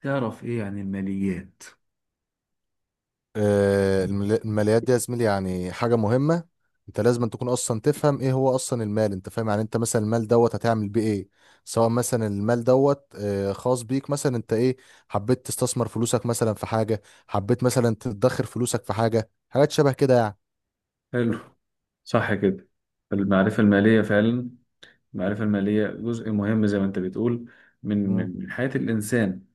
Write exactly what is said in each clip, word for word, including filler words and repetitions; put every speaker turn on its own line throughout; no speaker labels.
تعرف إيه عن الماليات؟
آه، المل- الماليات دي يا زميلي، يعني حاجة مهمة. انت لازم تكون اصلا تفهم ايه هو اصلا المال، انت فاهم؟ يعني انت مثلا المال دوت هتعمل بيه ايه؟ سواء مثلا المال دوت آه، خاص بيك، مثلا انت ايه، حبيت تستثمر فلوسك مثلا في حاجة، حبيت مثلا تدخر فلوسك في حاجة، حاجات شبه كده يعني.
حلو. صح كده. المعرفة المالية فعلا. المعرفة المالية جزء مهم زي ما انت بتقول من
مم.
من من حياة الإنسان.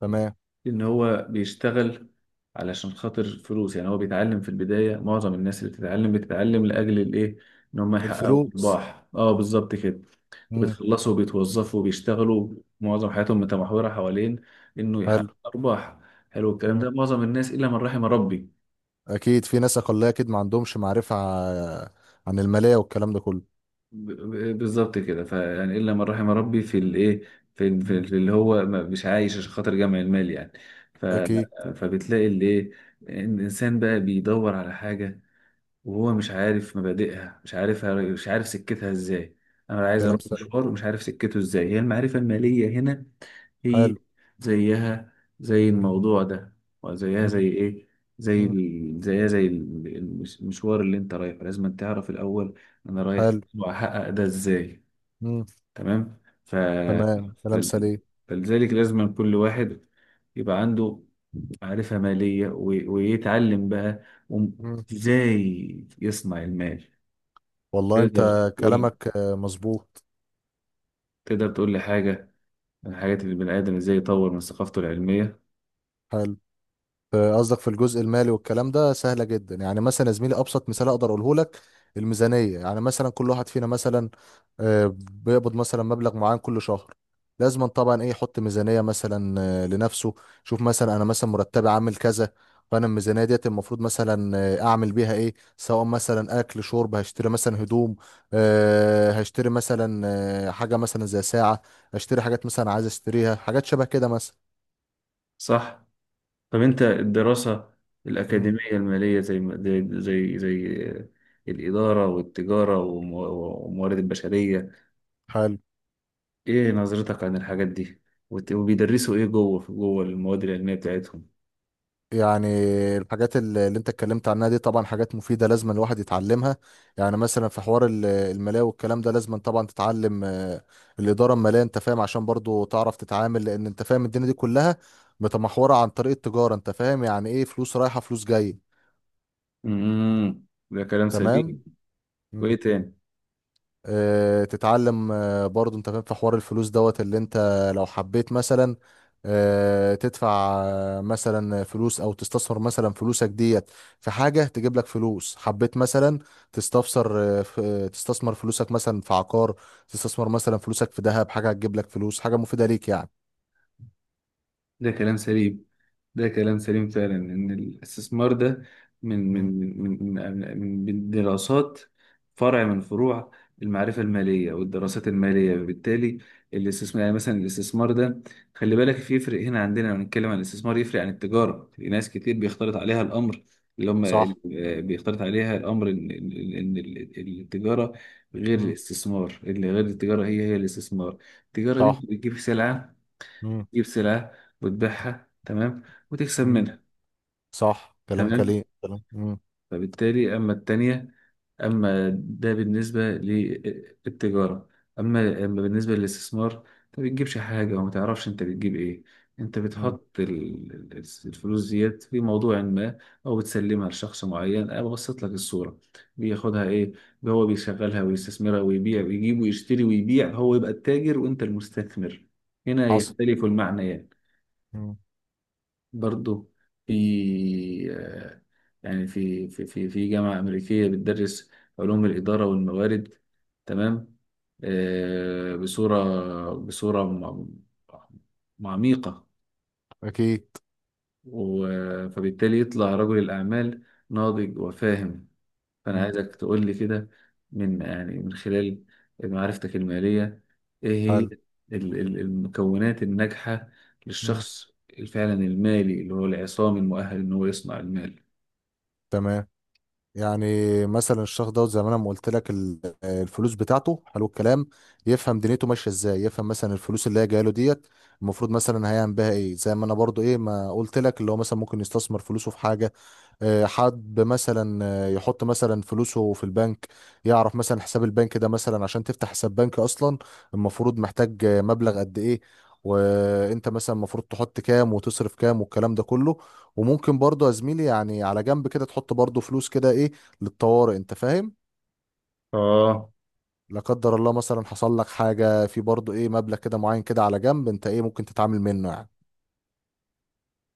تمام.
إن هو بيشتغل علشان خاطر فلوس، يعني هو بيتعلم في البداية. معظم الناس اللي بتتعلم بتتعلم لأجل الإيه؟ إن هم يحققوا
الفلوس.
أرباح. اه، بالظبط كده.
مم.
وبتخلصوا وبيتوظفوا وبيشتغلوا، معظم حياتهم متمحورة حوالين إنه يحقق
حلو.
أرباح. حلو الكلام
مم.
ده، معظم الناس إلا من رحم ربي.
اكيد في ناس اقلية، اكيد ما عندهمش معرفة ع- عن المالية والكلام ده كله.
ب- ب- بالظبط كده، فيعني الا من رحم ربي في الايه، في, ال- في, ال-
مم.
في اللي هو ما- مش عايش عشان خاطر جمع المال يعني. ف
اكيد.
فبتلاقي اللي ايه، إن الانسان بقى بيدور على حاجه وهو مش عارف مبادئها، مش عارفها، مش عارف سكتها ازاي. انا عايز
كلام
اروح
سليم.
مشوار ومش عارف سكته ازاي، هي المعرفه الماليه هنا في،
حلو.
زيها زي الموضوع ده، وزيها زي
مم.
ايه، زي
مم.
ال... زيها زي ال- المش- المشوار اللي انت رايحه لازم أن تعرف الاول انا رايح
حلو.
واحقق ده ازاي.
مم.
تمام. ف...
تمام. كلام
فل...
سليم.
فلذلك لازم أن كل واحد يبقى عنده معرفة مالية، و... ويتعلم بقى وم-
مم.
ازاي يصنع المال.
والله انت،
تقدر تقول،
كلامك آه، مظبوط.
تقدر تقول لي حاجة من الحاجات اللي البني آدم ازاي يطور من ثقافته العلمية؟
حلو. في- قصدك في الجزء المالي والكلام ده، سهلة جدا. يعني مثلا يا زميلي، أبسط مثال أقدر أقوله لك. الميزانية، يعني مثلا كل واحد فينا مثلا آه، بيقبض مثلا مبلغ معين كل شهر. لازم طبعا إيه يحط ميزانية مثلا آه، لنفسه. شوف مثلا، أنا مثلا مرتبي عامل كذا. فأنا الميزانية ديت المفروض مثلا آه، أعمل بيها إيه، سواء مثلا أكل شرب، هشتري مثلا هدوم، آه، هشتري مثلا آه، حاجة مثلا زي ساعة. هشتري حاجات مثلا عايز أشتريها، حاجات شبه كده مثلا.
صح. طب انت الدراسة
مم.
الأكاديمية المالية زي ما- زي زي زي الإدارة والتجارة والمو- والموارد البشرية،
حلو.
ايه نظرتك عن الحاجات دي؟ وت- وبيدرسوا ايه جوه، في جوه المواد العلمية بتاعتهم؟
يعني الحاجات اللي اللي انت اتكلمت عنها دي طبعا حاجات مفيدة، لازم الواحد يتعلمها. يعني مثلا في حوار ال- المالية والكلام ده، لازم طبعا تتعلم آه، الإدارة المالية، انت فاهم، عشان برضو تعرف تتعامل، لأن انت فاهم الدنيا دي كلها متمحورة عن طريق التجارة، انت فاهم، يعني ايه فلوس رايحة فلوس جاية.
امم، ده كلام
تمام.
سليم. وايه تاني؟
آه، تتعلم آه، برضو، انت فاهم، في حوار الفلوس دوت اللي انت لو حبيت مثلا آه، تدفع آه، مثلا فلوس، او تستثمر مثلا فلوسك ديت في حاجة تجيب لك فلوس. حبيت مثلا تستفسر، آه، ف- آه، تستثمر فلوسك مثلا في عقار، تستثمر مثلا فلوسك في ذهب، حاجة هتجيب لك فلوس، حاجة مفيدة ليك يعني.
ده كلام سليم، ده كلام سليم فعلا، ان الاستثمار ده من
مم.
من من من من من دراسات، فرع من فروع المعرفة المالية والدراسات المالية. وبالتالي الاستثمار، يعني مثلا الاستثمار ده، خلي بالك في يفرق هنا عندنا لما بنتكلم عن الاستثمار، يفرق عن التجارة. في ناس كتير بيختلط عليها الأمر، اللي هم
صح.
آه، بيختلط عليها الأمر إن إن إن التجارة غير
مم.
الاستثمار، اللي غير التجارة هي هي الاستثمار. التجارة دي
صح.
أنت بتجيب سلعة،
مم.
تجيب سلعة وتبيعها، تمام، وتكسب
مم.
منها.
صح كلام
تمام،
كليم كلام. مم.
فبالتالي أما التانية، أما ده بالنسبة للتجارة، أما أما بالنسبة للاستثمار، أنت ما بتجيبش حاجة وما تعرفش أنت بتجيب إيه. أنت
مم.
بتحط ال- ال- الفلوس ديت في موضوع ما، أو بتسلمها لشخص معين. أنا ببسط لك الصورة، بياخدها إيه، هو بيشغلها ويستثمرها ويبيع ويجيب ويشتري ويبيع، هو يبقى التاجر وأنت المستثمر. هنا
حصل.
يختلف المعنيات.
مم.
برضه في آه، يعني في في في في جامعة أمريكية بتدرس علوم الإدارة والموارد، تمام، آه، بصورة بصورة م- م- عميقة.
اكيد.
و- فبالتالي يطلع رجل الأعمال ناضج وفاهم. فأنا
مم.
عايزك تقول لي كده، من يعني من خلال معرفتك المالية، إيه هي
حلو.
ال- ال- المكونات الناجحة
مم.
للشخص فعلا المالي، اللي هو العصام المؤهل إن هو يصنع المال؟
تمام. يعني مثلا الشخص دوت، زي ما انا ما قلت لك، ال- الفلوس بتاعته، حلو الكلام، يفهم دنيته ماشيه ازاي، يفهم مثلا الفلوس اللي هي جايه له ديت المفروض مثلا هيعمل بها ايه. زي ما انا برضو ايه ما قلت لك، اللي هو مثلا ممكن يستثمر فلوسه في حاجه. آه، حد مثلا آه، يحط مثلا فلوسه في البنك، يعرف مثلا حساب البنك ده، مثلا عشان تفتح حساب بنك اصلا المفروض محتاج آه، مبلغ قد ايه، وانت مثلا المفروض تحط كام وتصرف كام والكلام ده كله. وممكن برضه يا زميلي، يعني على جنب كده تحط برضه فلوس كده ايه، للطوارئ، انت فاهم.
آه،
لا قدر الله مثلا حصل لك حاجة، في برضه ايه مبلغ كده معين كده على جنب انت ايه ممكن تتعامل منه يعني.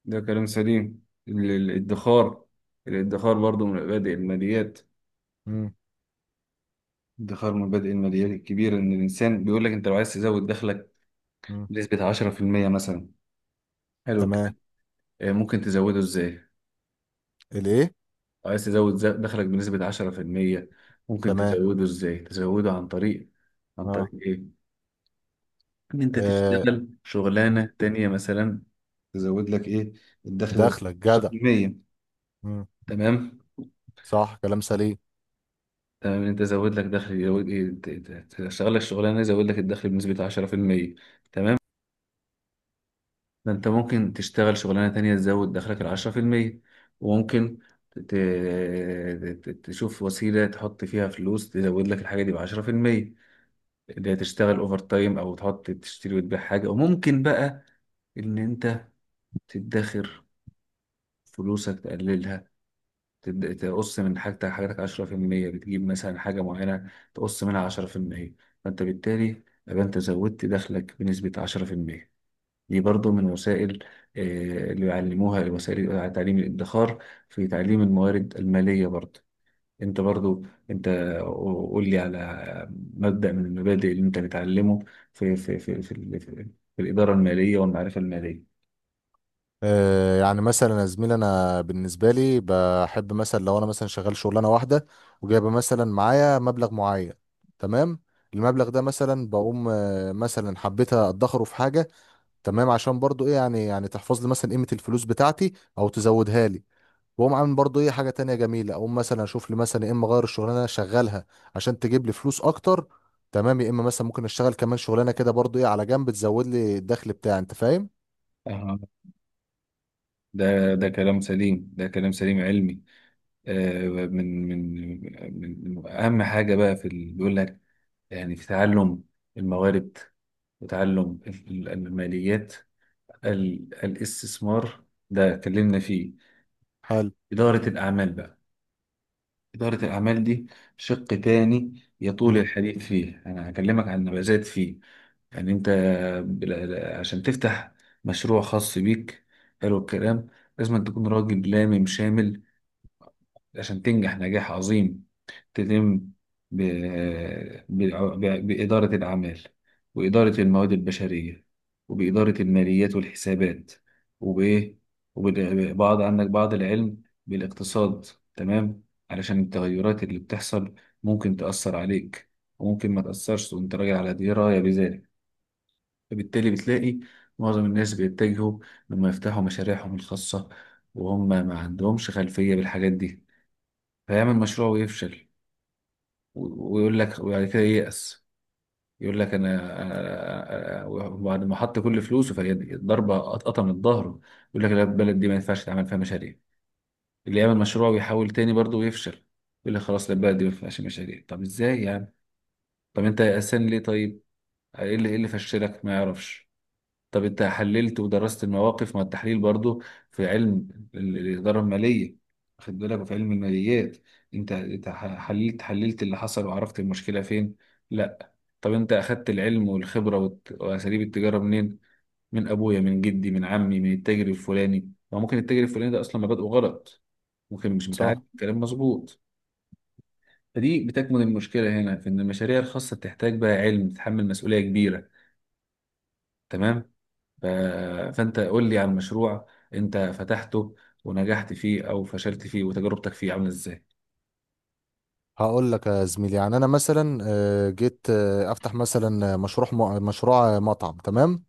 ده كلام سليم. ال- ال- الادخار الادخار برضو من مبادئ الماليات.
مم.
الادخار من مبادئ الماليات الكبيرة. إن الإنسان بيقول لك أنت لو عايز تزود دخلك
مم.
بنسبة عشرة في المية مثلا، حلو
تمام.
الكلام. آه، ممكن تزوده إزاي؟
الايه.
عايز تزود ز- دخلك بنسبة عشرة في المية، ممكن
تمام.
تزوده ازاي؟ تزوده عن طريق، عن طريق
اه.
ايه؟ ان انت
آه.
تشتغل شغلانة تانية مثلا، تزود لك ايه، الدخل ده
دخلك جدع.
عشرة في المية.
مم.
تمام؟
صح. كلام سليم.
تمام، ان انت زود لك دخل، يزود ايه، ت- ت- تشتغل لك شغلانة يزود لك الدخل بنسبة عشرة في المية. تمام؟ فانت ممكن تشتغل شغلانة تانية تزود دخلك ال عشرة في المية، وممكن ت- ت- ت- تشوف وسيلة تحط فيها فلوس تزود لك الحاجة دي بعشرة في المية، اللي هي تشتغل اوفر تايم او تحط تشتري وتبيع حاجه. وممكن بقى ان انت تدخر فلوسك، تقللها، تد- تقص من حاجتك، حاجتك عشرة في المية، بتجيب مثلا حاجه معينه تقص منها عشرة في المية، فانت بالتالي يبقى انت زودت دخلك بنسبه عشرة في المية. دي برضو من وسائل آه، اللي بيعلموها، وسائل تعليم الادخار في تعليم الموارد الماليه برضو. انت برضو، انت قول لي على مبدأ من المبادئ اللي انت بتعلمه في في في في, ال- في, في الإدارة المالية والمعرفة المالية.
آه يعني مثلا يا زميلي، انا بالنسبه لي بحب مثلا لو انا مثلا شغال شغلانه واحده وجايبه مثلا معايا مبلغ معين. تمام. المبلغ ده مثلا بقوم آه مثلا حبيت ادخره في حاجه. تمام. عشان برضو ايه يعني يعني تحفظ لي مثلا قيمه الفلوس بتاعتي، او تزودها لي. واقوم عامل برضو ايه حاجه تانية جميله، اقوم مثلا اشوف لي مثلا، يا اما اغير الشغلانه اللي انا شغالها عشان تجيب لي فلوس اكتر. تمام. يا اما مثلا ممكن اشتغل كمان شغلانه كده برضو ايه على جنب تزود لي الدخل بتاعي، انت فاهم.
آه. ده، ده كلام سليم، ده كلام سليم علمي. آه من من من أهم حاجة بقى في اللي بيقول لك، يعني في تعلم الموارد وتعلم ال- الماليات. ال- الاستثمار ده اتكلمنا فيه.
حلو.
إدارة الأعمال بقى، إدارة الأعمال دي شق تاني يطول
مم.
الحديث فيه. أنا هكلمك عن نبذات فيه. يعني أنت بل- عشان تفتح مشروع خاص بيك، حلو الكلام، لازم أن تكون راجل لامم شامل عشان تنجح نجاح عظيم. تلم ب- بالع- ب- بإدارة الأعمال، وإدارة المواد البشرية، وبإدارة الماليات والحسابات، وبإيه، وبعض، عندك بعض العلم بالاقتصاد. تمام، علشان التغيرات اللي بتحصل ممكن تأثر عليك، وممكن ما تأثرش وأنت راجع على دراية بذلك. فبالتالي بتلاقي معظم الناس بيتجهوا لما يفتحوا مشاريعهم الخاصة وهم ما عندهمش خلفية بالحاجات دي، فيعمل مشروع ويفشل، ويقول لك، وبعد كده ييأس، يقول لك، انا أنا- أنا-، وبعد ما حط كل فلوسه فهي الضربه، قطقطه من ظهره، يقول لك لا، البلد دي ما ينفعش تعمل فيها مشاريع. اللي يعمل مشروع ويحاول تاني برضه ويفشل يقول لك خلاص، لا، البلد دي ما ينفعش مشاريع. طب ازاي يعني؟ طب انت يأسان ليه؟ طيب ايه اللي، ايه اللي فشلك؟ ما يعرفش. طب انت حللت ودرست المواقف؟ ما التحليل برضه في علم ال- الاداره الماليه، واخد بالك، وفي علم الماليات. انت انت حللت حللت اللي حصل وعرفت المشكله فين؟ لا. طب انت اخدت العلم والخبرة والت- واساليب التجارة منين؟ من ابويا، من جدي، من عمي، من التاجر الفلاني. ما ممكن التاجر الفلاني ده اصلا مبادئه غلط، ممكن مش متعلم،
صح.
كلام مظبوط. فدي بتكمن المشكلة هنا، في ان المشاريع الخاصة بتحتاج بقى علم، تتحمل مسؤولية كبيرة. تمام. ف... فانت قول لي عن مشروع انت فتحته ونجحت فيه او فشلت فيه، وتجربتك فيه عاملة ازاي؟
هقول لك يا زميلي، يعني انا مثلا آه، جيت آه، افتح مثلا آه، مشروع مشروع مطعم. تمام.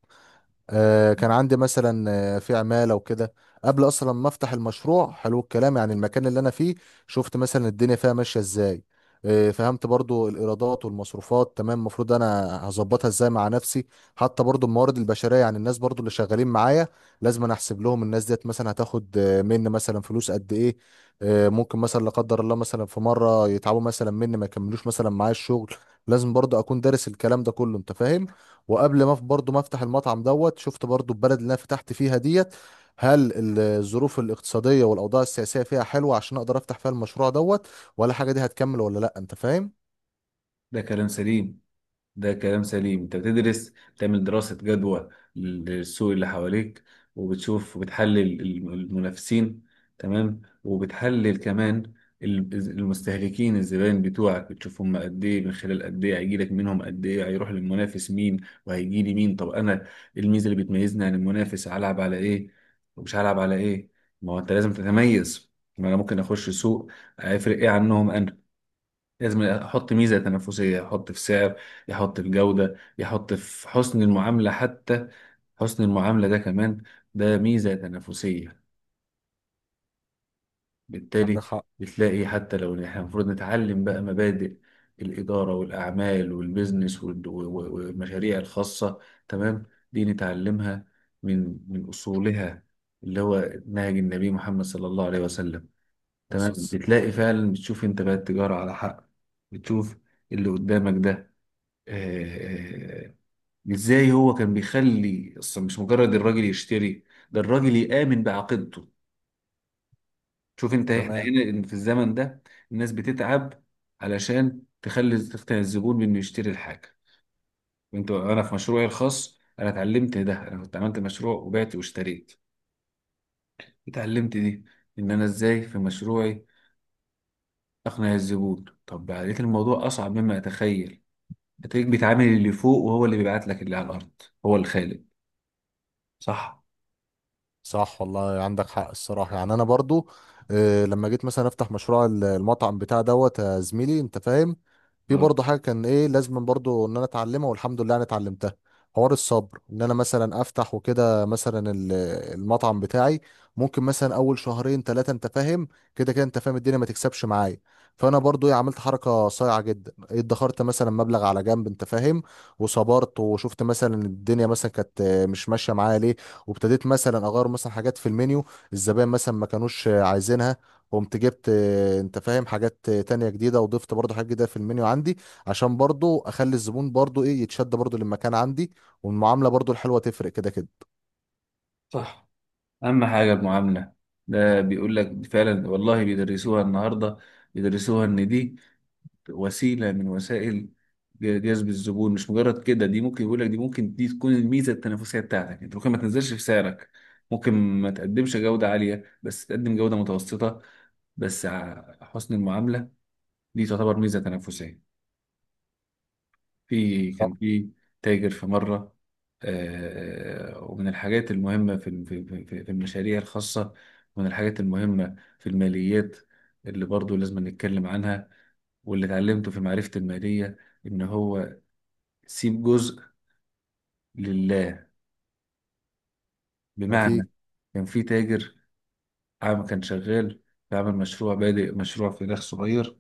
آه، كان عندي مثلا آه، في عمالة وكده، قبل اصلا ما افتح المشروع، حلو الكلام، يعني المكان اللي انا فيه شفت مثلا الدنيا فيها ماشية ازاي. آه، فهمت برضو الايرادات والمصروفات، تمام، المفروض انا هظبطها ازاي مع نفسي. حتى برضو الموارد البشرية، يعني الناس برضو اللي شغالين معايا، لازم انا احسب لهم، الناس ديت مثلا هتاخد آه، مني مثلا فلوس قد ايه. آه، ممكن مثلا لا قدر الله مثلا في مرة يتعبوا مثلا مني، ما يكملوش مثلا معايا الشغل، لازم برضو اكون دارس الكلام ده كله، انت فاهم. وقبل ما برضو ما افتح المطعم دوت، شفت برضو البلد اللي انا فتحت فيها ديت، هل ال- الظروف الاقتصادية والاوضاع السياسية فيها حلوة عشان اقدر افتح فيها المشروع دوت، ولا حاجة، دي هتكمل ولا لا، انت فاهم.
ده كلام سليم، ده كلام سليم. انت بتدرس، بتعمل دراسة جدوى للسوق اللي حواليك، وبتشوف وبتحلل الم- المنافسين، تمام، وبتحلل كمان ال- المستهلكين، الزبائن بتوعك، بتشوف هم قد ايه، من خلال قد ايه هيجيلك منهم، قد ايه هيروح للمنافس مين وهيجي لي مين. طب انا الميزة اللي بتميزني عن المنافس هلعب على ايه ومش هلعب على ايه؟ ما هو انت لازم تتميز، ما انا ممكن اخش سوق هيفرق ايه عنهم انا؟ لازم احط ميزه تنافسيه، احط في سعر، يحط في جوده، يحط في حسن المعامله حتى، حسن المعامله ده كمان ده ميزه تنافسيه.
عندك
بالتالي
حق.
بتلاقي حتى لو إن احنا المفروض نتعلم بقى مبادئ الاداره والاعمال والبيزنس وال- و- و- والمشاريع الخاصه، تمام، دي نتعلمها من من اصولها، اللي هو نهج النبي محمد صلى الله عليه وسلم.
بس
تمام،
بس-
بتلاقي فعلا بتشوف انت بقى التجاره على حق. بتشوف اللي قدامك ده، آه، ازاي هو كان بيخلي اصلا مش مجرد الراجل يشتري، ده الراجل يآمن بعقيدته. شوف انت، احنا
تمام.
هنا إن في الزمن ده الناس بتتعب علشان تخلي، تقنع الزبون بانه يشتري الحاجه. وانت، انا في مشروعي الخاص انا اتعلمت ده، انا كنت عملت مشروع وبعت واشتريت، اتعلمت دي، ان انا ازاي في مشروعي اقنع الزبون. طب لقيت الموضوع اصعب مما اتخيل. هتلاقيك بتعامل اللي فوق وهو اللي بيبعت لك اللي على الارض، هو الخالق. صح.
صح والله، عندك حق الصراحة، يعني انا برضو آه، لما جيت مثلا افتح مشروع ال- المطعم بتاع دوت، يا زميلي، انت فاهم، في
آه.
برضه حاجه كان ايه لازم برضه ان انا اتعلمها، والحمد لله انا اتعلمتها. حوار الصبر، ان انا مثلا افتح وكده مثلا ال- المطعم بتاعي، ممكن مثلا اول شهرين ثلاثه، انت فاهم، كده كده، انت فاهم، الدنيا ما تكسبش معايا. فانا برضو إيه عملت حركه صايعه جدا، ادخرت مثلا مبلغ على جنب، انت فاهم. وصبرت وشفت مثلا الدنيا مثلا كانت آه، مش ماشيه معايا ليه، وابتديت مثلا اغير مثلا حاجات في المنيو الزبائن مثلا ما كانوش آه، عايزينها، قمت جبت آه، انت فاهم حاجات آه، تانية جديدة، وضفت برضو حاجات جديدة في المنيو عندي عشان برضو اخلي الزبون برضو ايه يتشد برضو للمكان عندي. والمعاملة برضو الحلوة تفرق كده كده.
صح، أهم حاجة المعاملة. ده بيقول لك فعلا والله بيدرسوها النهاردة، بيدرسوها إن دي وسيلة من وسائل ج- جذب الزبون، مش مجرد كده. دي ممكن يقول لك، دي ممكن دي تكون الميزة التنافسية بتاعتك، أنت ممكن ما تنزلش في سعرك، ممكن ما تقدمش جودة عالية بس تقدم جودة متوسطة، بس ع- حسن المعاملة دي تعتبر ميزة تنافسية. في كان
صح.
في تاجر في مرة. آه، ومن الحاجات المهمة في في في- في المشاريع الخاصة، ومن الحاجات المهمة في الماليات اللي برضو لازم نتكلم عنها واللي اتعلمته في معرفة المالية، إن هو سيب جزء لله،
اكيد.
بمعنى، كان في تاجر عام كان شغال بيعمل مشروع، بادئ مشروع في داخل صغير،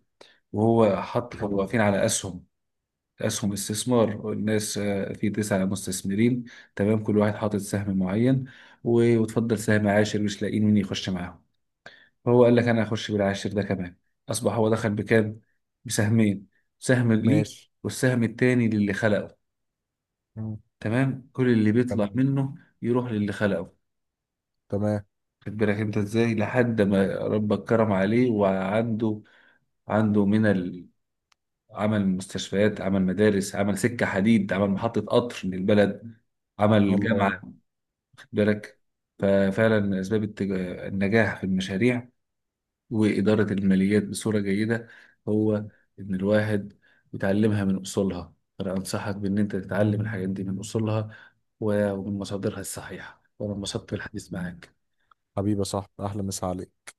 وهو حط، كانوا واقفين على أسهم، اسهم استثمار الناس، آه، في تسعة مستثمرين، تمام، كل واحد حاطط سهم معين، و- وتفضل سهم عاشر مش لاقيين مين يخش معاهم. فهو قال لك انا هخش بالعاشر ده كمان. اصبح هو دخل بكام؟ بسهمين، سهم ليه
ماشي.
والسهم التاني للي خلقه.
مم.
تمام، كل اللي بيطلع
تمام.
منه يروح للي خلقه.
تمام.
خد بالك انت ازاي لحد ما ربك كرم عليه، وعنده، عنده من، عمل مستشفيات، عمل مدارس، عمل سكة حديد، عمل محطة قطر للبلد، عمل جامعة.
الله.
خد
مم.
بالك. ففعلا أسباب التج... النجاح في المشاريع وإدارة الماليات بصورة جيدة، هو إن الواحد يتعلمها من أصولها. أنا أنصحك بإن أنت تتعلم الحاجات دي من أصولها ومن مصادرها الصحيحة، وأنا انبسطت بالحديث معاك.
حبيبي يا صاحبي، احلى مسا عليك.